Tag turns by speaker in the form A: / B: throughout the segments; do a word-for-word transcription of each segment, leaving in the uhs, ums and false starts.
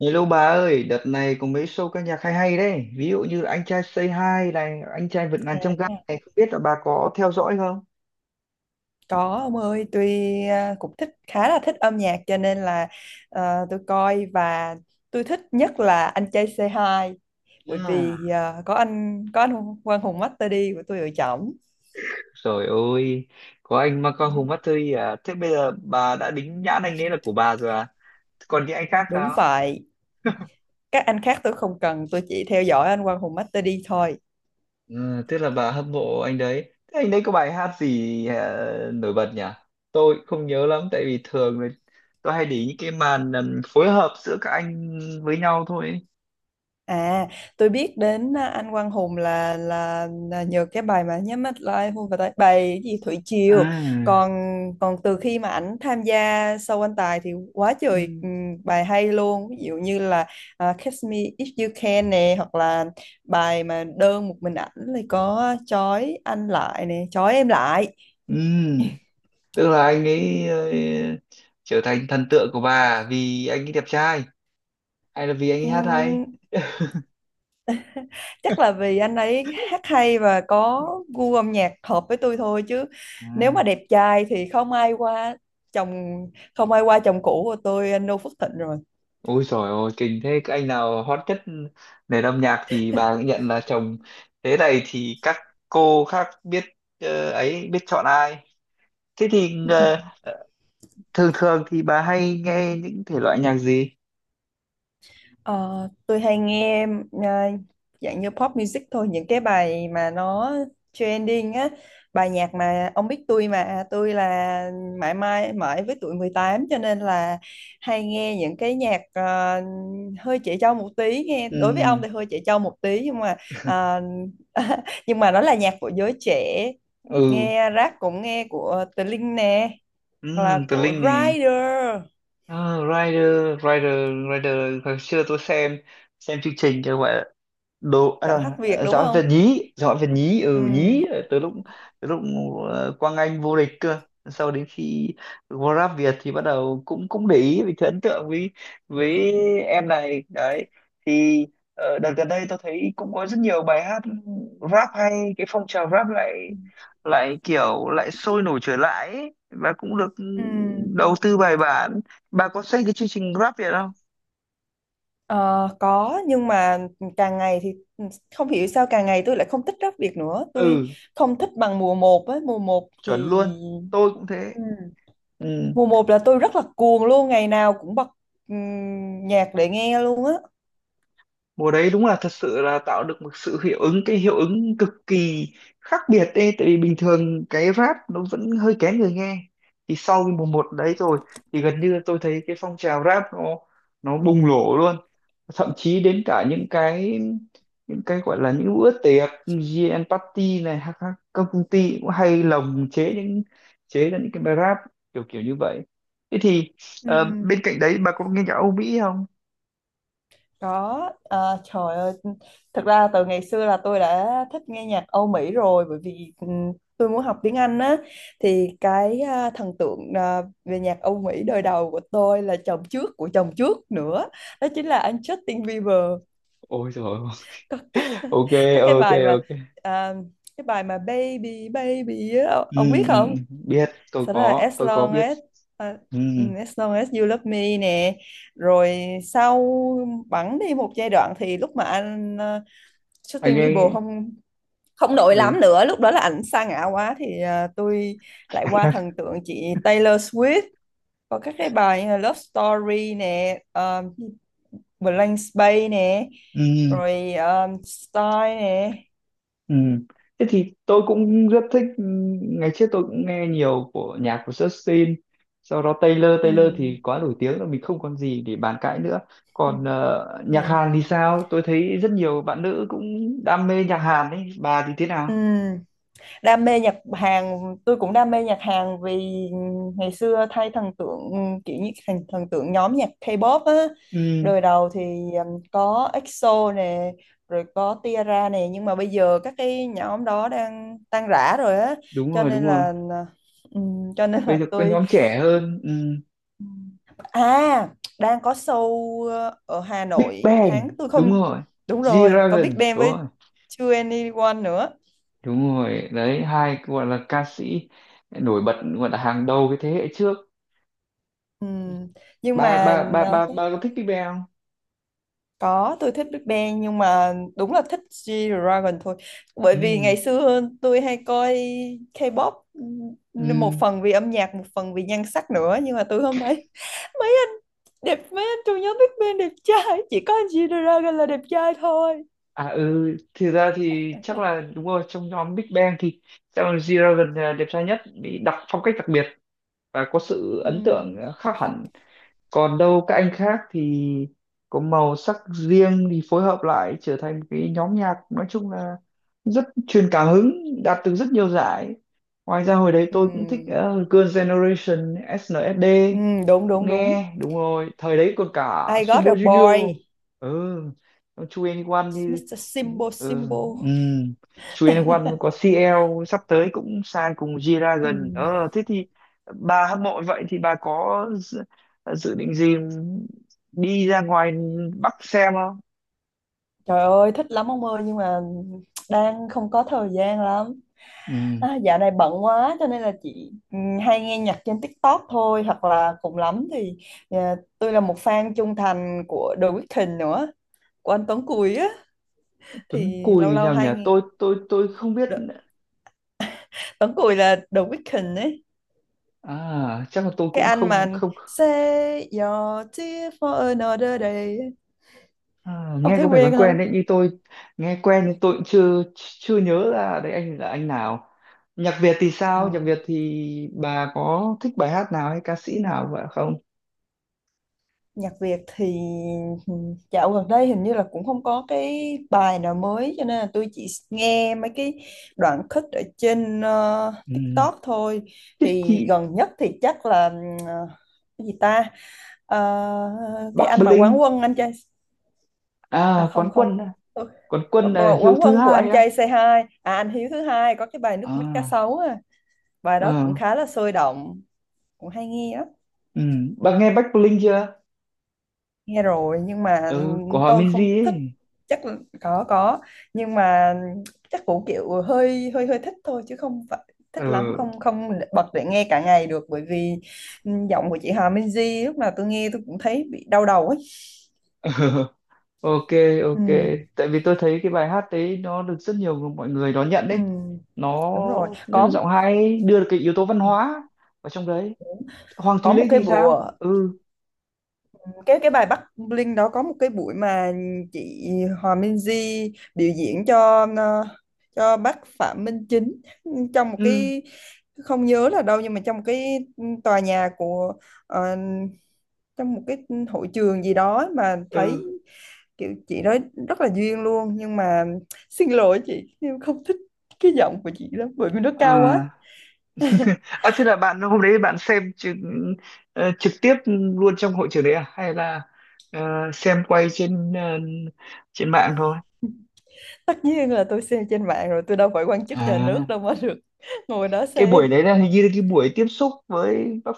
A: Hello bà ơi, đợt này có mấy show ca nhạc hay hay đấy. Ví dụ như là Anh trai Say Hi này, Anh trai vượt ngàn chông gai
B: À,
A: này, không biết là bà có theo dõi không?
B: có ông ơi, tôi à, cũng thích, khá là thích âm nhạc cho nên là à, tôi coi. Và tôi thích nhất là anh trai c hai, bởi
A: À,
B: vì à, có anh có anh Quang Hùng Master D của tôi ở trỏng.
A: trời ơi, có anh Michael Hùng mắt thôi à. Thế bây giờ bà đã đính nhãn anh ấy là của bà rồi à? Thế còn những anh khác
B: Đúng
A: sao?
B: vậy, các anh khác tôi không cần, tôi chỉ theo dõi anh Quang Hùng Master D thôi.
A: Ừ, tức là bà hâm mộ anh đấy. Thế anh đấy có bài hát gì à, nổi bật nhỉ? Tôi cũng không nhớ lắm, tại vì thường là tôi hay để ý những cái màn ừm, phối hợp giữa các anh với nhau thôi.
B: À, tôi biết đến à, anh Quang Hùng là là, là nhờ cái bài mà nhắm mắt lại hôn vào tay, bài cái gì Thủy Triều.
A: À.
B: Còn còn từ khi mà ảnh tham gia show anh Tài thì quá trời
A: Ừ.
B: ừm, bài hay luôn. Ví dụ như là à, Catch Me If You Can nè, hoặc là bài mà đơn một mình ảnh thì có trói anh lại nè, trói em lại.
A: Ừ, tức là anh ấy ờ, trở thành thần tượng của bà vì anh ấy đẹp trai hay là vì anh ấy hát hay.
B: Chắc là vì anh ấy hát hay và có gu âm nhạc hợp với tôi thôi, chứ
A: Ừ.
B: nếu mà đẹp trai thì không ai qua chồng không ai qua chồng cũ của tôi, anh no Phước Thịnh rồi.
A: Ôi trời ơi kinh thế. Cái anh nào hot nhất nền âm nhạc thì bà cũng nhận là chồng, thế này thì các cô khác biết ờ, ấy biết chọn ai. Thế thì ờ, thường thường thì bà hay nghe những thể loại nhạc gì?
B: Ờ, tôi hay nghe ờ, dạng như pop music thôi, những cái bài mà nó trending á, bài nhạc mà ông biết, tôi mà, tôi là mãi mãi mãi với tuổi mười tám cho nên là hay nghe những cái nhạc ờ, hơi trẻ trâu một tí, nghe
A: Ừ,
B: đối với ông thì hơi trẻ trâu một tí, nhưng mà ờ, nhưng mà nó là nhạc của giới trẻ.
A: ừ,
B: Nghe rap cũng nghe của Tờ Linh nè,
A: ừ.
B: hoặc là
A: Tờ
B: của
A: Linh này.
B: Rider.
A: Ờ, Rider, Rider. Rider hồi xưa tôi xem xem chương trình cho gọi đồ à,
B: Giọng
A: đâu,
B: hát Việt
A: à,
B: đúng
A: giỏi về
B: không?
A: nhí, giỏi về nhí, ừ
B: Ừ.
A: nhí, từ lúc, từ lúc ờ, Quang Anh vô địch cơ. Sau đến khi Grab Việt thì bắt đầu cũng cũng để ý vì thấy ấn tượng với với em này đấy. Thì ờ, đợt gần đây tôi thấy cũng có rất nhiều bài hát rap hay, cái phong trào rap lại, lại kiểu lại sôi nổi trở lại ấy, và cũng được
B: Ừ.
A: đầu tư bài bản. Bà có xem cái chương trình Grab Việt không?
B: Ờ, có, nhưng mà càng ngày thì ừ, không hiểu sao càng ngày tôi lại không thích rap Việt nữa, tôi
A: Ừ,
B: không thích bằng mùa một ấy, mùa một
A: chuẩn
B: thì...
A: luôn, tôi cũng thế.
B: Ừ.
A: Ừ,
B: Mùa một là tôi rất là cuồng luôn, ngày nào cũng bật ừm, nhạc để nghe luôn á.
A: mùa đấy đúng là thật sự là tạo được một sự hiệu ứng, cái hiệu ứng cực kỳ khác biệt ấy, tại vì bình thường cái rap nó vẫn hơi kén người nghe. Thì sau cái mùa một đấy rồi thì gần như tôi thấy cái phong trào rap nó nó bùng nổ luôn. Thậm chí đến cả những cái, những cái gọi là những bữa tiệc giê en Party này hoặc các các công ty cũng hay lồng chế những, chế ra những cái bài rap kiểu kiểu như vậy. Thế thì
B: Ừ.
A: ờ, bên cạnh đấy bà có nghe nhạc Âu Mỹ không?
B: Có, ờ, trời ơi, thật ra từ ngày xưa là tôi đã thích nghe nhạc Âu Mỹ rồi, bởi vì ừm, tôi muốn học tiếng Anh á. Thì cái à, thần tượng à, về nhạc Âu Mỹ đời đầu của tôi là chồng trước của chồng trước nữa, đó chính là anh Justin Bieber.
A: Ôi trời.
B: Có cái,
A: Ok,
B: có cái
A: ok,
B: bài mà
A: ok.
B: à, cái bài mà Baby Baby á,
A: Ừ,
B: ông biết
A: ừ,
B: không?
A: ừ. Biết, tôi
B: Sau đó là
A: có,
B: As
A: tôi có
B: Long
A: biết.
B: As à,
A: Ừ,
B: ừ, As Long As You Love Me nè. Rồi sau, bẵng đi một giai đoạn thì lúc mà anh uh,
A: anh
B: Justin Bieber
A: ấy.
B: không không nổi lắm
A: Ừ.
B: nữa, lúc đó là ảnh sa ngã quá thì ờ, tôi lại qua thần tượng chị Taylor Swift, có các cái bài như là Love Story nè, ờ, Blank Space nè,
A: Ừ,
B: rồi um, Style nè.
A: ừ. Thế thì tôi cũng rất thích. Ừ, ngày trước tôi cũng nghe nhiều của nhạc của Justin. Sau đó Taylor,
B: Ừ.
A: Taylor thì quá nổi tiếng rồi mình không còn gì để bàn cãi nữa. Còn ờ, nhạc
B: Ừ.
A: Hàn thì sao? Tôi thấy rất nhiều bạn nữ cũng đam mê nhạc Hàn đấy, bà thì thế nào?
B: Ừ. Đam mê nhạc Hàn, tôi cũng đam mê nhạc Hàn, vì ngày xưa thay thần tượng kiểu như thần, thần tượng nhóm nhạc K-pop á,
A: Ừ,
B: đời đầu thì um, có EXO nè, rồi có Tiara nè, nhưng mà bây giờ các cái nhóm đó đang tan rã rồi á,
A: đúng
B: cho
A: rồi,
B: nên
A: đúng rồi.
B: là ừm, cho nên
A: Bây
B: là
A: giờ có
B: tôi...
A: nhóm trẻ hơn. Ừ.
B: à Đang có show ờ, ở Hà
A: Big
B: Nội tháng
A: Bang
B: tôi
A: đúng
B: không...
A: rồi.
B: Đúng rồi, có Big
A: G-Dragon,
B: Bang
A: đúng
B: với
A: rồi.
B: tu ni oăn nữa.
A: Đúng rồi đấy, hai cái gọi là ca sĩ nổi bật, gọi là hàng đầu cái thế hệ trước.
B: Ừm, nhưng
A: Ba ba
B: mà
A: ba
B: ờ,
A: ba ba, có thích Big Bang không?
B: có, tôi thích Big Bang, nhưng mà đúng là thích G-Dragon thôi, bởi
A: Ừ,
B: vì ngày xưa tôi hay coi K-pop. Ừm, một
A: ừ.
B: phần vì âm nhạc, một phần vì nhan sắc nữa, nhưng mà tôi không thấy mấy anh đẹp mấy anh trong nhóm Big Bang đẹp trai, chỉ có anh G-Dragon là đẹp trai thôi.
A: À ừ, thực ra thì chắc là đúng rồi, trong nhóm Big Bang thì chắc là G-Dragon là đẹp trai nhất vì đặc phong cách đặc biệt và có sự ấn tượng
B: Ừm,
A: à, khác hẳn. Còn đâu các anh khác thì có màu sắc riêng, thì phối hợp lại trở thành một cái nhóm nhạc, nói chung là rất truyền cảm hứng, đạt được rất nhiều giải. Ngoài ra hồi đấy tôi cũng thích
B: ừm,
A: uh, Girls' Generation ét en ét đê,
B: ừm, đúng
A: cũng
B: đúng đúng.
A: nghe. Đúng rồi, thời đấy còn cả
B: I got a
A: Super Junior.
B: boy.
A: Ừ, Chu En Wan như.
B: mít tơ Simbo
A: Ừ,
B: Simbo
A: ừ. Chu En Wan có xê lờ sắp tới cũng sang cùng G-Dragon.
B: Ừm.
A: Ờ thế thì bà hâm mộ vậy thì bà có dự, dự định gì đi ra ngoài Bắc xem không?
B: Trời ơi, thích lắm ông ơi, nhưng mà đang không có thời gian lắm.
A: Ừ.
B: À, dạo này bận quá cho nên là chị ừ, hay nghe nhạc trên TikTok thôi, hoặc là cùng lắm thì à, tôi là một fan trung thành của The Weeknd nữa, của anh Tuấn Cùi á,
A: Tuấn
B: thì lâu
A: Cùi
B: lâu
A: nào nhỉ,
B: hay nghe.
A: tôi tôi tôi không biết.
B: Đ- Tuấn Cùi là The Weeknd ấy.
A: À chắc là tôi
B: Cái
A: cũng
B: anh mà
A: không không.
B: Say your tears for another day.
A: Ờ,
B: Ông
A: nghe
B: thấy
A: có vẻ quen
B: quen
A: quen
B: không?
A: đấy, như tôi nghe quen nhưng tôi cũng chưa chưa nhớ là đấy anh là anh nào. Nhạc Việt thì
B: À.
A: sao, nhạc Việt thì bà có thích bài hát nào hay ca sĩ nào vậy không?
B: Nhạc Việt thì ừ, dạo gần đây hình như là cũng không có cái bài nào mới, cho nên là tôi chỉ nghe mấy cái đoạn khích ở trên ờ,
A: Ừ.
B: TikTok thôi.
A: Thích
B: Thì
A: chị.
B: gần nhất thì chắc là ờ, cái gì ta? Ờ, cái
A: Bắc
B: anh mà
A: Bling
B: Quán Quân anh trai, à
A: à,
B: không
A: quán
B: không.
A: quân à.
B: Ừ,
A: Quán quân là Hiếu
B: Quán
A: thứ
B: Quân của anh
A: hai á.
B: trai c hai, à anh Hiếu thứ hai, có cái bài Nước Mắt Cá
A: À,
B: Sấu à. Bài đó cũng
A: à,
B: khá là sôi động, cũng hay nghe.
A: ừ. Bà nghe Bắc Bling chưa?
B: Nghe rồi nhưng mà
A: Ừ, của họ
B: tôi không
A: Minzy
B: thích,
A: ấy.
B: chắc là có có nhưng mà chắc cũng kiểu hơi hơi hơi thích thôi, chứ không phải thích lắm,
A: Ừ.
B: không không bật để nghe cả ngày được, bởi vì ừ, giọng của chị Hà Minzy lúc nào tôi nghe tôi cũng thấy bị đau đầu ấy.
A: Ok,
B: Ừ,
A: ok. Tại vì tôi thấy cái bài hát đấy nó được rất nhiều người- mọi người đón nhận
B: ừ,
A: đấy. Nó,
B: đúng rồi,
A: nhất là
B: có
A: giọng hay ấy, đưa được cái yếu tố văn hóa vào trong đấy. Hoàng
B: có
A: Thùy
B: một
A: Linh
B: cái
A: thì sao?
B: bữa,
A: Ừ,
B: cái cái bài Bắc Bling đó có một cái buổi mà chị Hòa minh di biểu diễn cho ờ, cho bác Phạm Minh Chính trong một
A: ừ,
B: cái... Không nhớ là đâu, nhưng mà trong một cái tòa nhà của ờ, trong một cái hội trường gì đó, mà
A: ừ.
B: thấy kiểu chị đó rất là duyên luôn, nhưng mà xin lỗi chị, em không thích cái giọng của chị lắm bởi vì nó
A: À.
B: cao quá.
A: À thế là bạn hôm đấy bạn xem trực, ờ, trực tiếp luôn trong hội trường đấy à? Hay là ờ, xem quay trên ờ, trên mạng thôi?
B: Tất nhiên là tôi xem trên mạng rồi, tôi đâu phải quan chức nhà
A: À,
B: nước đâu mà được ngồi đó
A: cái
B: xem.
A: buổi đấy là hình như là cái buổi tiếp xúc với bác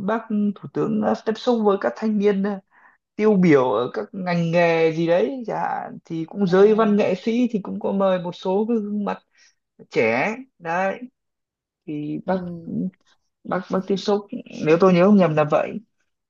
A: bác thủ tướng, ờ, tiếp xúc với các thanh niên ờ, tiêu biểu ở các ngành nghề gì đấy chẳng hạn, thì cũng giới văn
B: à
A: nghệ sĩ thì cũng có mời một số cái gương mặt trẻ đấy. Thì
B: Ừ,
A: bác bác bác tiếp xúc, nếu tôi nhớ không nhầm là vậy.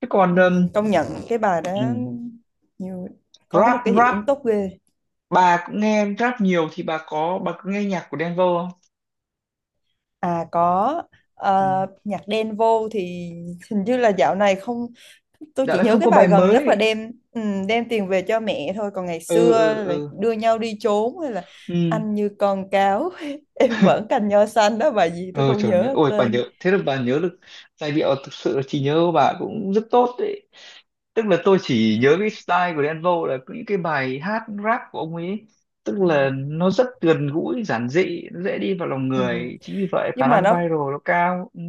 A: Thế còn
B: ừ,
A: ừm,
B: công nhận cái bài đó
A: ừm,
B: nhiều, có được
A: rap,
B: cái hiệu
A: rap,
B: ứng tốt ghê.
A: bà cũng nghe rap nhiều thì bà có bà có nghe nhạc của Đen Vâu không?
B: À có,
A: Ừ.
B: ờ, nhạc đen vô thì hình như là dạo này không, tôi
A: Dạ
B: chỉ
A: là
B: nhớ
A: không
B: cái
A: có
B: bài
A: bài
B: gần nhất là
A: mới.
B: đem ừ, đem tiền về cho mẹ thôi, còn ngày
A: Ừ, ừ,
B: xưa là
A: ừ,
B: đưa nhau đi trốn, hay là
A: ừ,
B: anh như con cáo em vẫn cành nho xanh đó, bài gì tôi
A: ừ,
B: không
A: trời ơi
B: nhớ
A: ôi bà nhớ
B: tên.
A: thế là bà nhớ được giai điệu, thực sự là trí nhớ của bà cũng rất tốt đấy. Tức là tôi chỉ nhớ cái style của Đen Vâu là những cái bài hát rap của ông ấy, tức
B: Ừ.
A: là nó rất gần gũi giản dị, nó dễ đi vào lòng
B: Ừ.
A: người, chính vì vậy khả
B: Nhưng mà
A: năng
B: nó...
A: viral nó cao. Ừ.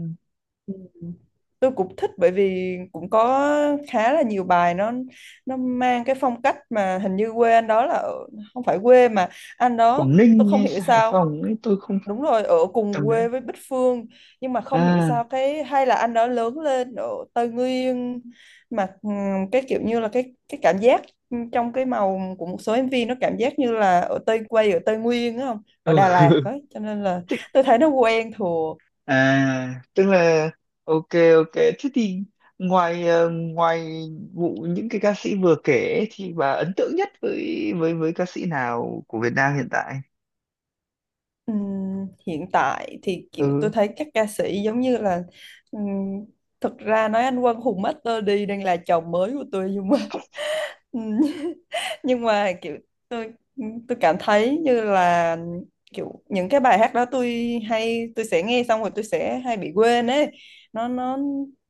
B: Ừ. Tôi cũng thích, bởi vì cũng có khá là nhiều bài nó nó mang cái phong cách mà hình như quê anh đó là ở, không phải quê mà anh đó...
A: Quảng
B: Tôi
A: Ninh
B: không
A: hay
B: hiểu
A: Hải
B: sao,
A: Phòng ấy, tôi không.
B: đúng rồi, ở cùng
A: Tầm đấy.
B: quê với Bích Phương. Nhưng mà không hiểu
A: À
B: sao, cái hay là anh đó lớn lên ở Tây Nguyên, mà ừm, cái kiểu như là cái cái cảm giác trong cái màu của một số em vê, nó cảm giác như là ở Tây quê, ở Tây Nguyên á, không, ở
A: ừ.
B: Đà Lạt á, cho nên là
A: Thích.
B: tôi thấy nó quen thừa.
A: À tức là, ok, ok thế thì ngoài ờ, ngoài vụ những cái ca sĩ vừa kể ấy, thì bà ấn tượng nhất với với với ca sĩ nào của Việt Nam hiện tại?
B: Ừm, hiện tại thì kiểu tôi
A: Ừ,
B: thấy các ca sĩ giống như là ừm, thực ra nói anh Quang Hùng Master D đang là chồng mới của tôi, nhưng mà ừm, nhưng mà kiểu tôi tôi cảm thấy như là, kiểu những cái bài hát đó, tôi hay tôi sẽ nghe xong rồi tôi sẽ hay bị quên ấy. Nó nó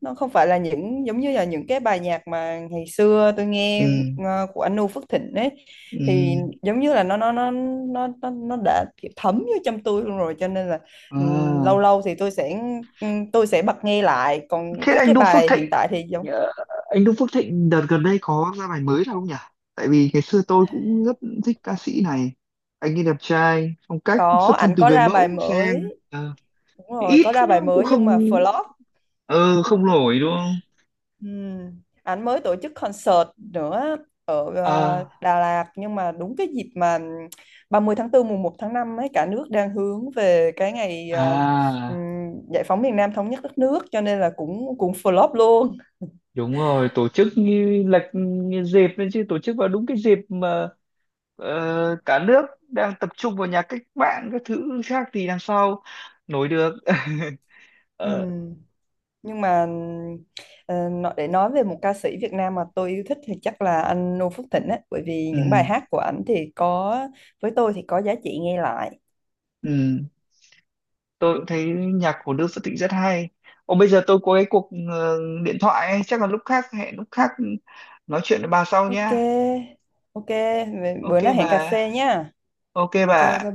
B: nó không phải là những giống như là những cái bài nhạc mà ngày xưa tôi
A: ừ,
B: nghe, ờ, của anh Noo Phước Thịnh ấy,
A: ừ.
B: thì giống như là nó nó nó nó nó, nó đã kiểu thấm vô trong tôi luôn rồi, cho nên là ừm, lâu
A: À.
B: lâu thì tôi sẽ ừm, tôi sẽ bật nghe lại, còn
A: Thế
B: các
A: anh
B: cái
A: Đu Phước
B: bài
A: Thịnh,
B: hiện tại thì giống...
A: ờ, anh Đu Phước Thịnh đợt gần đây có ra bài mới nào không nhỉ? Tại vì ngày xưa tôi cũng rất thích ca sĩ này. Anh ấy đẹp trai, phong cách xuất
B: Có,
A: thân
B: ảnh
A: từ
B: có
A: người
B: ra bài
A: mẫu sang,
B: mới.
A: ờ,
B: Đúng rồi,
A: ít
B: có ra
A: nó
B: bài
A: cũng
B: mới nhưng mà
A: không,
B: flop.
A: ờ không nổi đúng không?
B: Ừm, Anh mới tổ chức concert nữa ở ờ,
A: À
B: Đà Lạt, nhưng mà đúng cái dịp mà ba mươi tháng tư mùng một tháng năm ấy, cả nước đang hướng về cái ngày ờ, ừm,
A: à,
B: giải phóng miền Nam, thống nhất đất nước, cho nên là cũng cũng flop luôn.
A: đúng rồi, tổ chức như lệch như dịp nên, chứ tổ chức vào đúng cái dịp mà ờ, cả nước đang tập trung vào nhà cách mạng các thứ khác thì làm sao nổi được. Ờ,
B: Ừm, Nhưng mà ờ, nó- để nói về một ca sĩ Việt Nam mà tôi yêu thích thì chắc là anh Noo Phước Thịnh ấy, bởi vì những bài
A: ừ,
B: hát của ảnh thì có với tôi thì có giá trị nghe lại.
A: ừ, tôi cũng thấy nhạc của Đức Phật Thịnh rất hay. Ồ bây giờ tôi có cái cuộc ờ, điện thoại ấy, chắc là lúc khác, hẹn lúc khác nói chuyện với bà sau
B: Ok,
A: nha.
B: ok,
A: Ok
B: bữa nào
A: bà,
B: hẹn cà phê nhá.
A: ok
B: Ok,
A: bà.
B: bye